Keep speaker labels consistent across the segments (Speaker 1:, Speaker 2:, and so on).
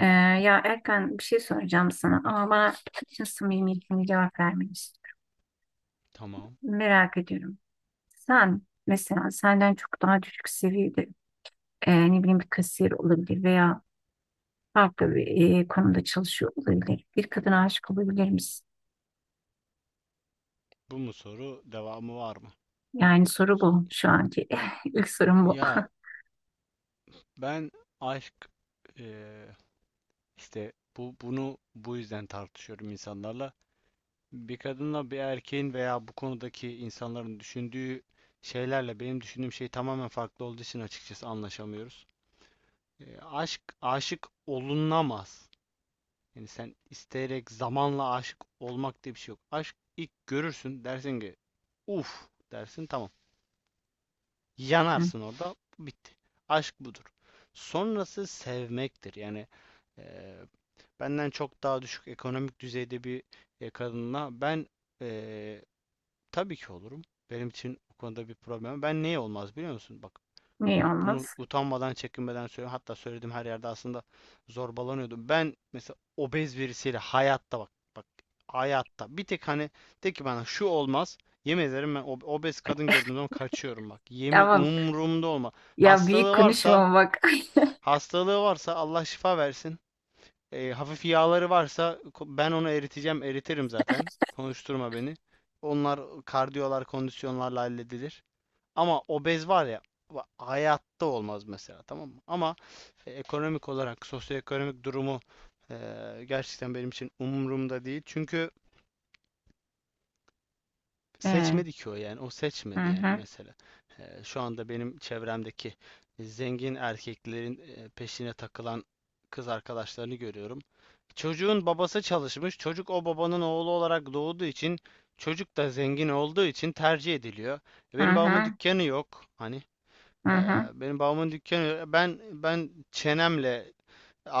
Speaker 1: Ee, Ya Erkan bir şey soracağım sana ama bana bütün samimiyetimle cevap vermelisin.
Speaker 2: Tamam.
Speaker 1: Merak ediyorum. Sen mesela senden çok daha düşük seviyede ne bileyim bir kasiyer olabilir veya farklı bir konumda çalışıyor olabilir. Bir kadına aşık olabilir misin?
Speaker 2: Bu mu soru? Devamı var mı?
Speaker 1: Yani soru bu şu anki. İlk sorum bu.
Speaker 2: Ya ben aşk eee, işte bu yüzden tartışıyorum insanlarla. Bir kadınla bir erkeğin veya bu konudaki insanların düşündüğü şeylerle benim düşündüğüm şey tamamen farklı olduğu için açıkçası anlaşamıyoruz. Aşk Aşık olunamaz. Yani sen isteyerek zamanla aşık olmak diye bir şey yok. Aşk, ilk görürsün, dersin ki uf, dersin tamam.
Speaker 1: Hı.
Speaker 2: Yanarsın orada. Bitti. Aşk budur. Sonrası sevmektir. Yani eee, benden çok daha düşük ekonomik düzeyde bir kadınla ben eee, tabii ki olurum. Benim için bu konuda bir problem. Ben neye olmaz biliyor musun? Bak.
Speaker 1: Niye
Speaker 2: Bunu
Speaker 1: olmaz?
Speaker 2: utanmadan, çekinmeden söylüyorum. Hatta söylediğim her yerde aslında zorbalanıyordum. Ben mesela obez birisiyle hayatta, bak bak, hayatta bir tek, hani, de ki bana şu olmaz. Yemin ederim ben obez kadın gördüğüm zaman kaçıyorum bak. Yemin,
Speaker 1: Ama
Speaker 2: umurumda olma.
Speaker 1: ya büyük
Speaker 2: Hastalığı varsa,
Speaker 1: konuşma bak.
Speaker 2: hastalığı varsa Allah şifa versin. Hafif yağları varsa ben onu eriteceğim, eritirim zaten. Konuşturma beni. Onlar kardiyolar, kondisyonlarla halledilir. Ama obez var ya, hayatta olmaz mesela, tamam mı? Ama ekonomik olarak sosyoekonomik durumu e, gerçekten benim için umurumda değil. Çünkü
Speaker 1: Ee,
Speaker 2: seçmedi ki o, yani o
Speaker 1: hı
Speaker 2: seçmedi yani
Speaker 1: hı,
Speaker 2: mesela. Şu anda benim çevremdeki zengin erkeklerin peşine takılan kız arkadaşlarını görüyorum. Çocuğun babası çalışmış. Çocuk o babanın oğlu olarak doğduğu için, çocuk da zengin olduğu için tercih ediliyor.
Speaker 1: hı
Speaker 2: Benim babamın
Speaker 1: hı,
Speaker 2: dükkanı yok. Hani.
Speaker 1: hı hı.
Speaker 2: Benim babamın dükkanı ben çenemle,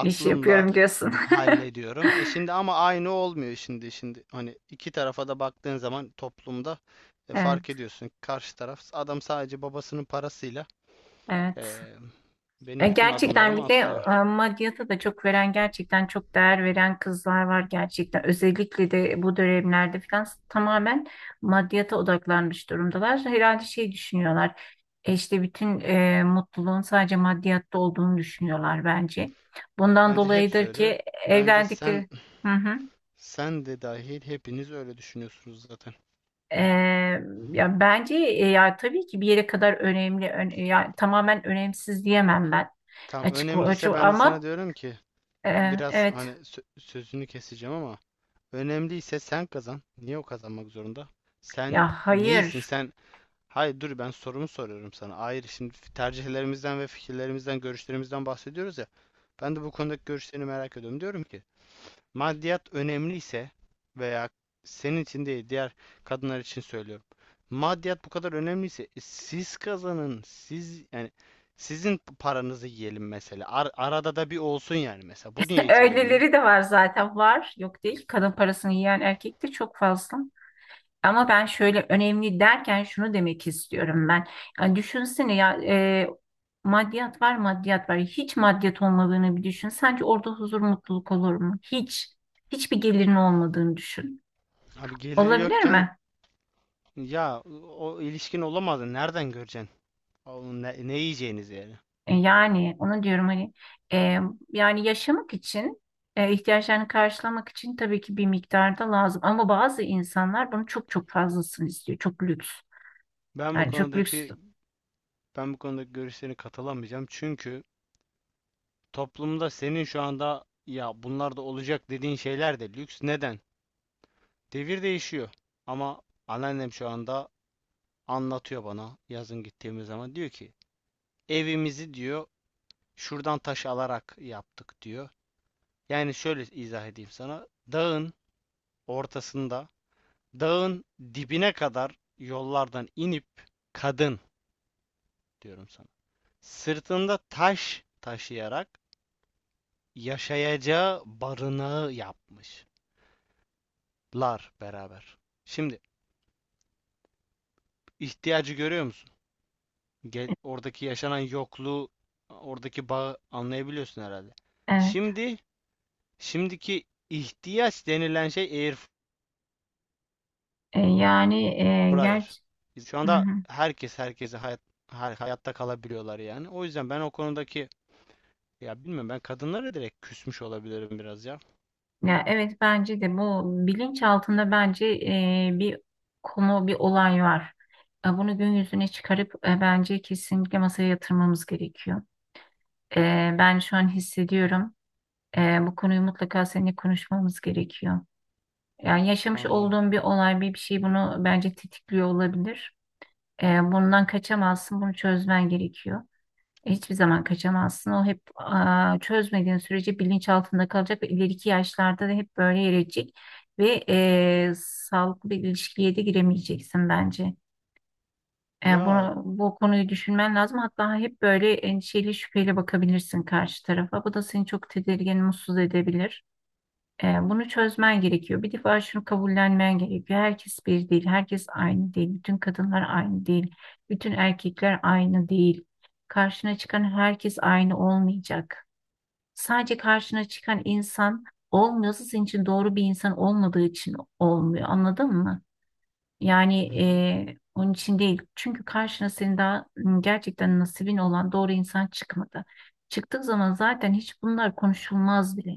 Speaker 1: İş yapıyorum diyorsun.
Speaker 2: hallediyorum. Şimdi ama aynı olmuyor. Şimdi, hani iki tarafa da baktığın zaman toplumda
Speaker 1: Evet,
Speaker 2: fark ediyorsun. Karşı taraf adam sadece babasının parasıyla
Speaker 1: evet.
Speaker 2: e, benim bütün
Speaker 1: Gerçekten
Speaker 2: adımlarımı
Speaker 1: bir de
Speaker 2: atlıyor.
Speaker 1: maddiyata da çok veren, gerçekten çok değer veren kızlar var gerçekten. Özellikle de bu dönemlerde falan tamamen maddiyata odaklanmış durumdalar. Herhalde şey düşünüyorlar, işte bütün mutluluğun sadece maddiyatta olduğunu düşünüyorlar bence. Bundan
Speaker 2: Bence hepsi
Speaker 1: dolayıdır
Speaker 2: öyle.
Speaker 1: ki
Speaker 2: Bence
Speaker 1: evlendikleri... Hı hı.
Speaker 2: sen de dahil hepiniz öyle düşünüyorsunuz zaten.
Speaker 1: E, Ya bence ya tabii ki bir yere kadar önemli, ya tamamen önemsiz diyemem ben
Speaker 2: Tamam,
Speaker 1: açık açık
Speaker 2: önemliyse ben de sana
Speaker 1: ama
Speaker 2: diyorum ki, biraz
Speaker 1: evet.
Speaker 2: hani, sözünü keseceğim ama, önemliyse sen kazan. Niye o kazanmak zorunda?
Speaker 1: Ya
Speaker 2: Sen neysin?
Speaker 1: hayır.
Speaker 2: Sen, hayır, dur, ben sorumu soruyorum sana. Hayır, şimdi tercihlerimizden ve fikirlerimizden, görüşlerimizden bahsediyoruz ya. Ben de bu konudaki görüşlerini merak ediyorum. Diyorum ki, maddiyat önemliyse, veya senin için değil, diğer kadınlar için söylüyorum. Maddiyat bu kadar önemliyse siz kazanın. Siz, yani sizin paranızı yiyelim mesela. Arada da bir olsun yani, mesela. Bu niye hiç olmuyor?
Speaker 1: Öyleleri de var zaten var. Yok değil. Kadın parasını yiyen erkek de çok fazla. Ama ben şöyle önemli derken şunu demek istiyorum ben. Yani düşünsene ya maddiyat var maddiyat var. Hiç maddiyat olmadığını bir düşün. Sence orada huzur mutluluk olur mu? Hiç. Hiçbir gelirin olmadığını düşün.
Speaker 2: Abi, geliri
Speaker 1: Olabilir
Speaker 2: yokken,
Speaker 1: mi?
Speaker 2: ya o ilişkin olamazdı. Nereden göreceksin? Onun ne yiyeceğiniz yani?
Speaker 1: Yani onu diyorum hani, e, yani yaşamak için ihtiyaçlarını karşılamak için tabii ki bir miktarda lazım ama bazı insanlar bunu çok çok fazlasını istiyor, çok lüks
Speaker 2: Ben bu
Speaker 1: yani, çok lüks.
Speaker 2: konudaki Ben bu konudaki görüşlerine katılamayacağım. Çünkü toplumda senin şu anda ya bunlar da olacak dediğin şeyler de lüks. Neden? Devir değişiyor. Ama anneannem şu anda anlatıyor bana, yazın gittiğimiz zaman diyor ki, evimizi, diyor, şuradan taş alarak yaptık, diyor. Yani şöyle izah edeyim sana. Dağın ortasında Dağın dibine kadar yollardan inip kadın, diyorum sana, sırtında taş taşıyarak yaşayacağı barınağı yapmışlar beraber. Şimdi, ihtiyacı görüyor musun? Gel,
Speaker 1: E,
Speaker 2: oradaki yaşanan yokluğu, oradaki bağı anlayabiliyorsun herhalde.
Speaker 1: evet.
Speaker 2: Şimdi, şimdiki ihtiyaç denilen şey air
Speaker 1: Yani
Speaker 2: fryer.
Speaker 1: gerçi
Speaker 2: Şu
Speaker 1: hı
Speaker 2: anda
Speaker 1: hı.
Speaker 2: herkes herkese, hayatta kalabiliyorlar yani. O yüzden ben o konudaki, ya bilmiyorum, ben kadınlara direkt küsmüş olabilirim biraz ya.
Speaker 1: Ya evet, bence de bu bilinç altında bence bir konu bir olay var. Bunu gün yüzüne çıkarıp bence kesinlikle masaya yatırmamız gerekiyor. Ben şu an hissediyorum. Bu konuyu mutlaka seninle konuşmamız gerekiyor. Yani yaşamış
Speaker 2: Anladım.
Speaker 1: olduğun bir olay, bir şey bunu bence tetikliyor olabilir. Bundan kaçamazsın, bunu çözmen gerekiyor. Hiçbir zaman kaçamazsın. O hep, çözmediğin sürece bilinç altında kalacak ve ileriki yaşlarda da hep böyle yer edecek. Ve sağlıklı bir ilişkiye de giremeyeceksin bence. Yani
Speaker 2: Ya.
Speaker 1: bunu, bu konuyu düşünmen lazım. Hatta hep böyle endişeli, şüpheyle bakabilirsin karşı tarafa. Bu da seni çok tedirgin, mutsuz edebilir. Bunu çözmen gerekiyor. Bir defa şunu kabullenmen gerekiyor. Herkes bir değil, herkes aynı değil. Bütün kadınlar aynı değil, bütün erkekler aynı değil. Karşına çıkan herkes aynı olmayacak. Sadece karşına çıkan insan olmuyorsa senin için doğru bir insan olmadığı için olmuyor. Anladın mı? Yani
Speaker 2: Hı.
Speaker 1: onun için değil. Çünkü karşına senin daha gerçekten nasibin olan doğru insan çıkmadı. Çıktığı zaman zaten hiç bunlar konuşulmaz bile.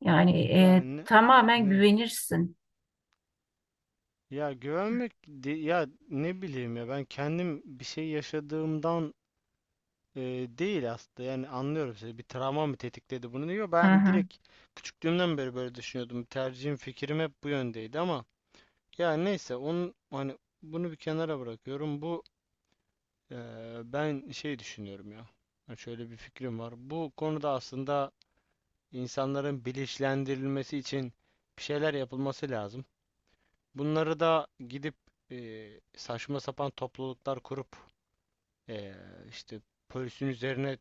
Speaker 1: Yani
Speaker 2: Ya ne
Speaker 1: tamamen
Speaker 2: ne
Speaker 1: güvenirsin.
Speaker 2: ya güvenmek, ya ne bileyim, ya ben kendim bir şey yaşadığımdan e, değil aslında, yani anlıyorum sizi, bir travma mı tetikledi bunu diyor,
Speaker 1: Hı
Speaker 2: ben
Speaker 1: hı.
Speaker 2: direkt küçüklüğümden beri böyle düşünüyordum, tercihim fikrim hep bu yöndeydi ama, ya neyse, onun hani bunu bir kenara bırakıyorum, bu e, ben şey düşünüyorum ya. Ha, şöyle bir fikrim var bu konuda aslında, insanların bilinçlendirilmesi için bir şeyler yapılması lazım. Bunları da gidip saçma sapan topluluklar kurup e, işte polisin üzerine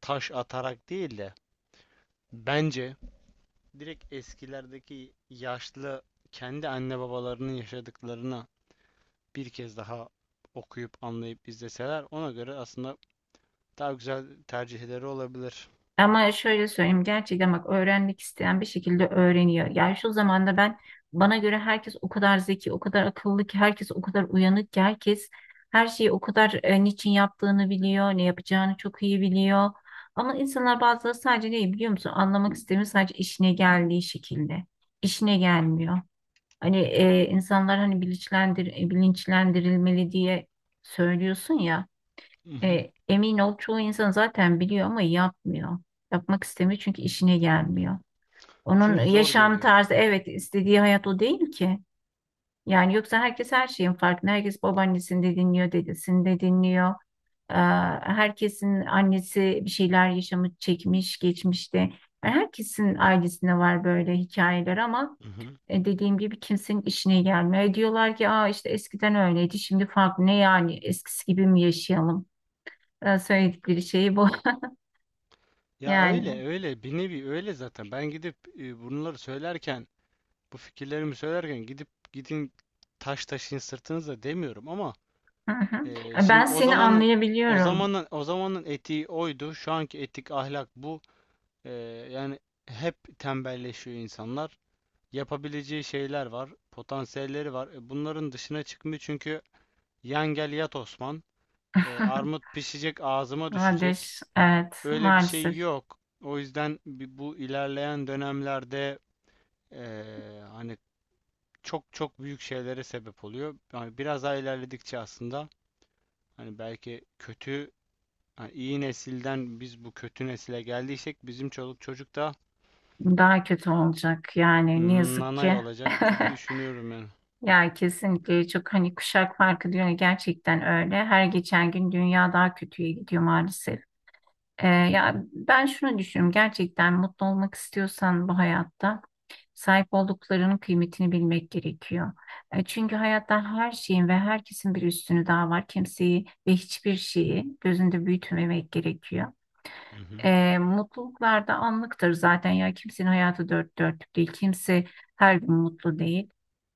Speaker 2: taş atarak değil de, bence direkt eskilerdeki yaşlı kendi anne babalarının yaşadıklarına bir kez daha okuyup, anlayıp, izleseler, ona göre aslında daha güzel tercihleri olabilir.
Speaker 1: Ama şöyle söyleyeyim, gerçekten bak, öğrenmek isteyen bir şekilde öğreniyor. Yani şu zamanda ben, bana göre herkes o kadar zeki, o kadar akıllı ki, herkes o kadar uyanık ki, herkes her şeyi o kadar niçin yaptığını biliyor, ne yapacağını çok iyi biliyor. Ama insanlar bazıları sadece neyi biliyor musun? Anlamak istemiyor sadece işine geldiği şekilde. İşine gelmiyor. Hani insanlar hani bilinçlendirilmeli diye söylüyorsun ya.
Speaker 2: Hı hı.
Speaker 1: Emin ol çoğu insan zaten biliyor ama yapmıyor. Yapmak istemiyor çünkü işine gelmiyor. Onun
Speaker 2: Çünkü zor
Speaker 1: yaşam
Speaker 2: geliyor.
Speaker 1: tarzı, evet, istediği hayat o değil ki. Yani yoksa herkes her şeyin farkında. Herkes babaannesini de dinliyor, dedesini de dinliyor. Ee, Herkesin annesi bir şeyler yaşamı çekmiş geçmişte. Yani herkesin ailesinde var böyle hikayeler ama
Speaker 2: Mhm.
Speaker 1: dediğim gibi kimsenin işine gelmiyor. Diyorlar ki işte eskiden öyleydi şimdi farklı, ne yani eskisi gibi mi yaşayalım? Söyledikleri şey bu.
Speaker 2: Ya
Speaker 1: Yani
Speaker 2: öyle, öyle bir nevi öyle zaten. Ben gidip bunları söylerken, bu fikirlerimi söylerken gidip, gidin taş taşın sırtınıza demiyorum ama
Speaker 1: hı hı.
Speaker 2: şimdi
Speaker 1: Ben seni anlayabiliyorum.
Speaker 2: o zamanın etiği oydu. Şu anki etik ahlak bu. E, Yani hep tembelleşiyor insanlar. Yapabileceği şeyler var, potansiyelleri var. Bunların dışına çıkmıyor çünkü yan gel yat Osman. Armut pişecek, ağzıma düşecek.
Speaker 1: Kardeş, evet
Speaker 2: Öyle bir şey
Speaker 1: maalesef
Speaker 2: yok. O yüzden bu ilerleyen dönemlerde hani çok çok büyük şeylere sebep oluyor. Yani biraz daha ilerledikçe aslında, hani belki kötü, hani iyi nesilden biz bu kötü nesile geldiysek, bizim çoluk çocuk da
Speaker 1: daha kötü olacak yani ne yazık
Speaker 2: nanay
Speaker 1: ki.
Speaker 2: olacak gibi düşünüyorum yani.
Speaker 1: Ya kesinlikle, çok, hani kuşak farkı diyor ya, gerçekten öyle. Her geçen gün dünya daha kötüye gidiyor maalesef. Ya ben şunu düşünüyorum. Gerçekten mutlu olmak istiyorsan bu hayatta sahip olduklarının kıymetini bilmek gerekiyor. Çünkü hayatta her şeyin ve herkesin bir üstünü daha var. Kimseyi ve hiçbir şeyi gözünde büyütmemek gerekiyor.
Speaker 2: Hı hı.
Speaker 1: Mutluluklar da anlıktır zaten, ya kimsenin hayatı dört dörtlük değil, kimse her gün mutlu değil.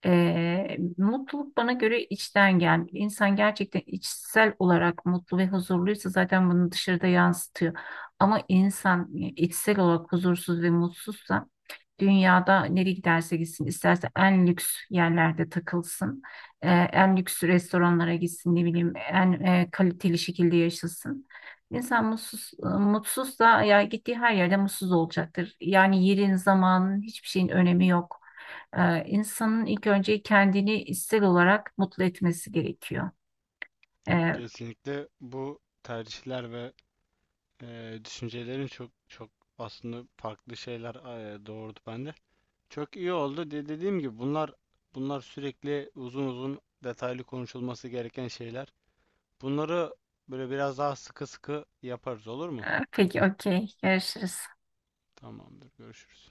Speaker 1: Mutluluk bana göre içten gel, insan gerçekten içsel olarak mutlu ve huzurluysa zaten bunu dışarıda yansıtıyor, ama insan içsel olarak huzursuz ve mutsuzsa dünyada nereye giderse gitsin, isterse en lüks yerlerde takılsın, en lüks restoranlara gitsin, ne bileyim en kaliteli şekilde yaşasın, İnsan mutsuz, mutsuz da, ya gittiği her yerde mutsuz olacaktır. Yani yerin, zamanın, hiçbir şeyin önemi yok. İnsanın ilk önce kendini içsel olarak mutlu etmesi gerekiyor. Ee,
Speaker 2: Kesinlikle bu tercihler ve düşüncelerin çok çok aslında farklı şeyler doğurdu bende. Çok iyi oldu. Dediğim gibi bunlar sürekli uzun uzun detaylı konuşulması gereken şeyler. Bunları böyle biraz daha sıkı sıkı yaparız, olur mu?
Speaker 1: peki, okey. Görüşürüz.
Speaker 2: Tamamdır. Görüşürüz.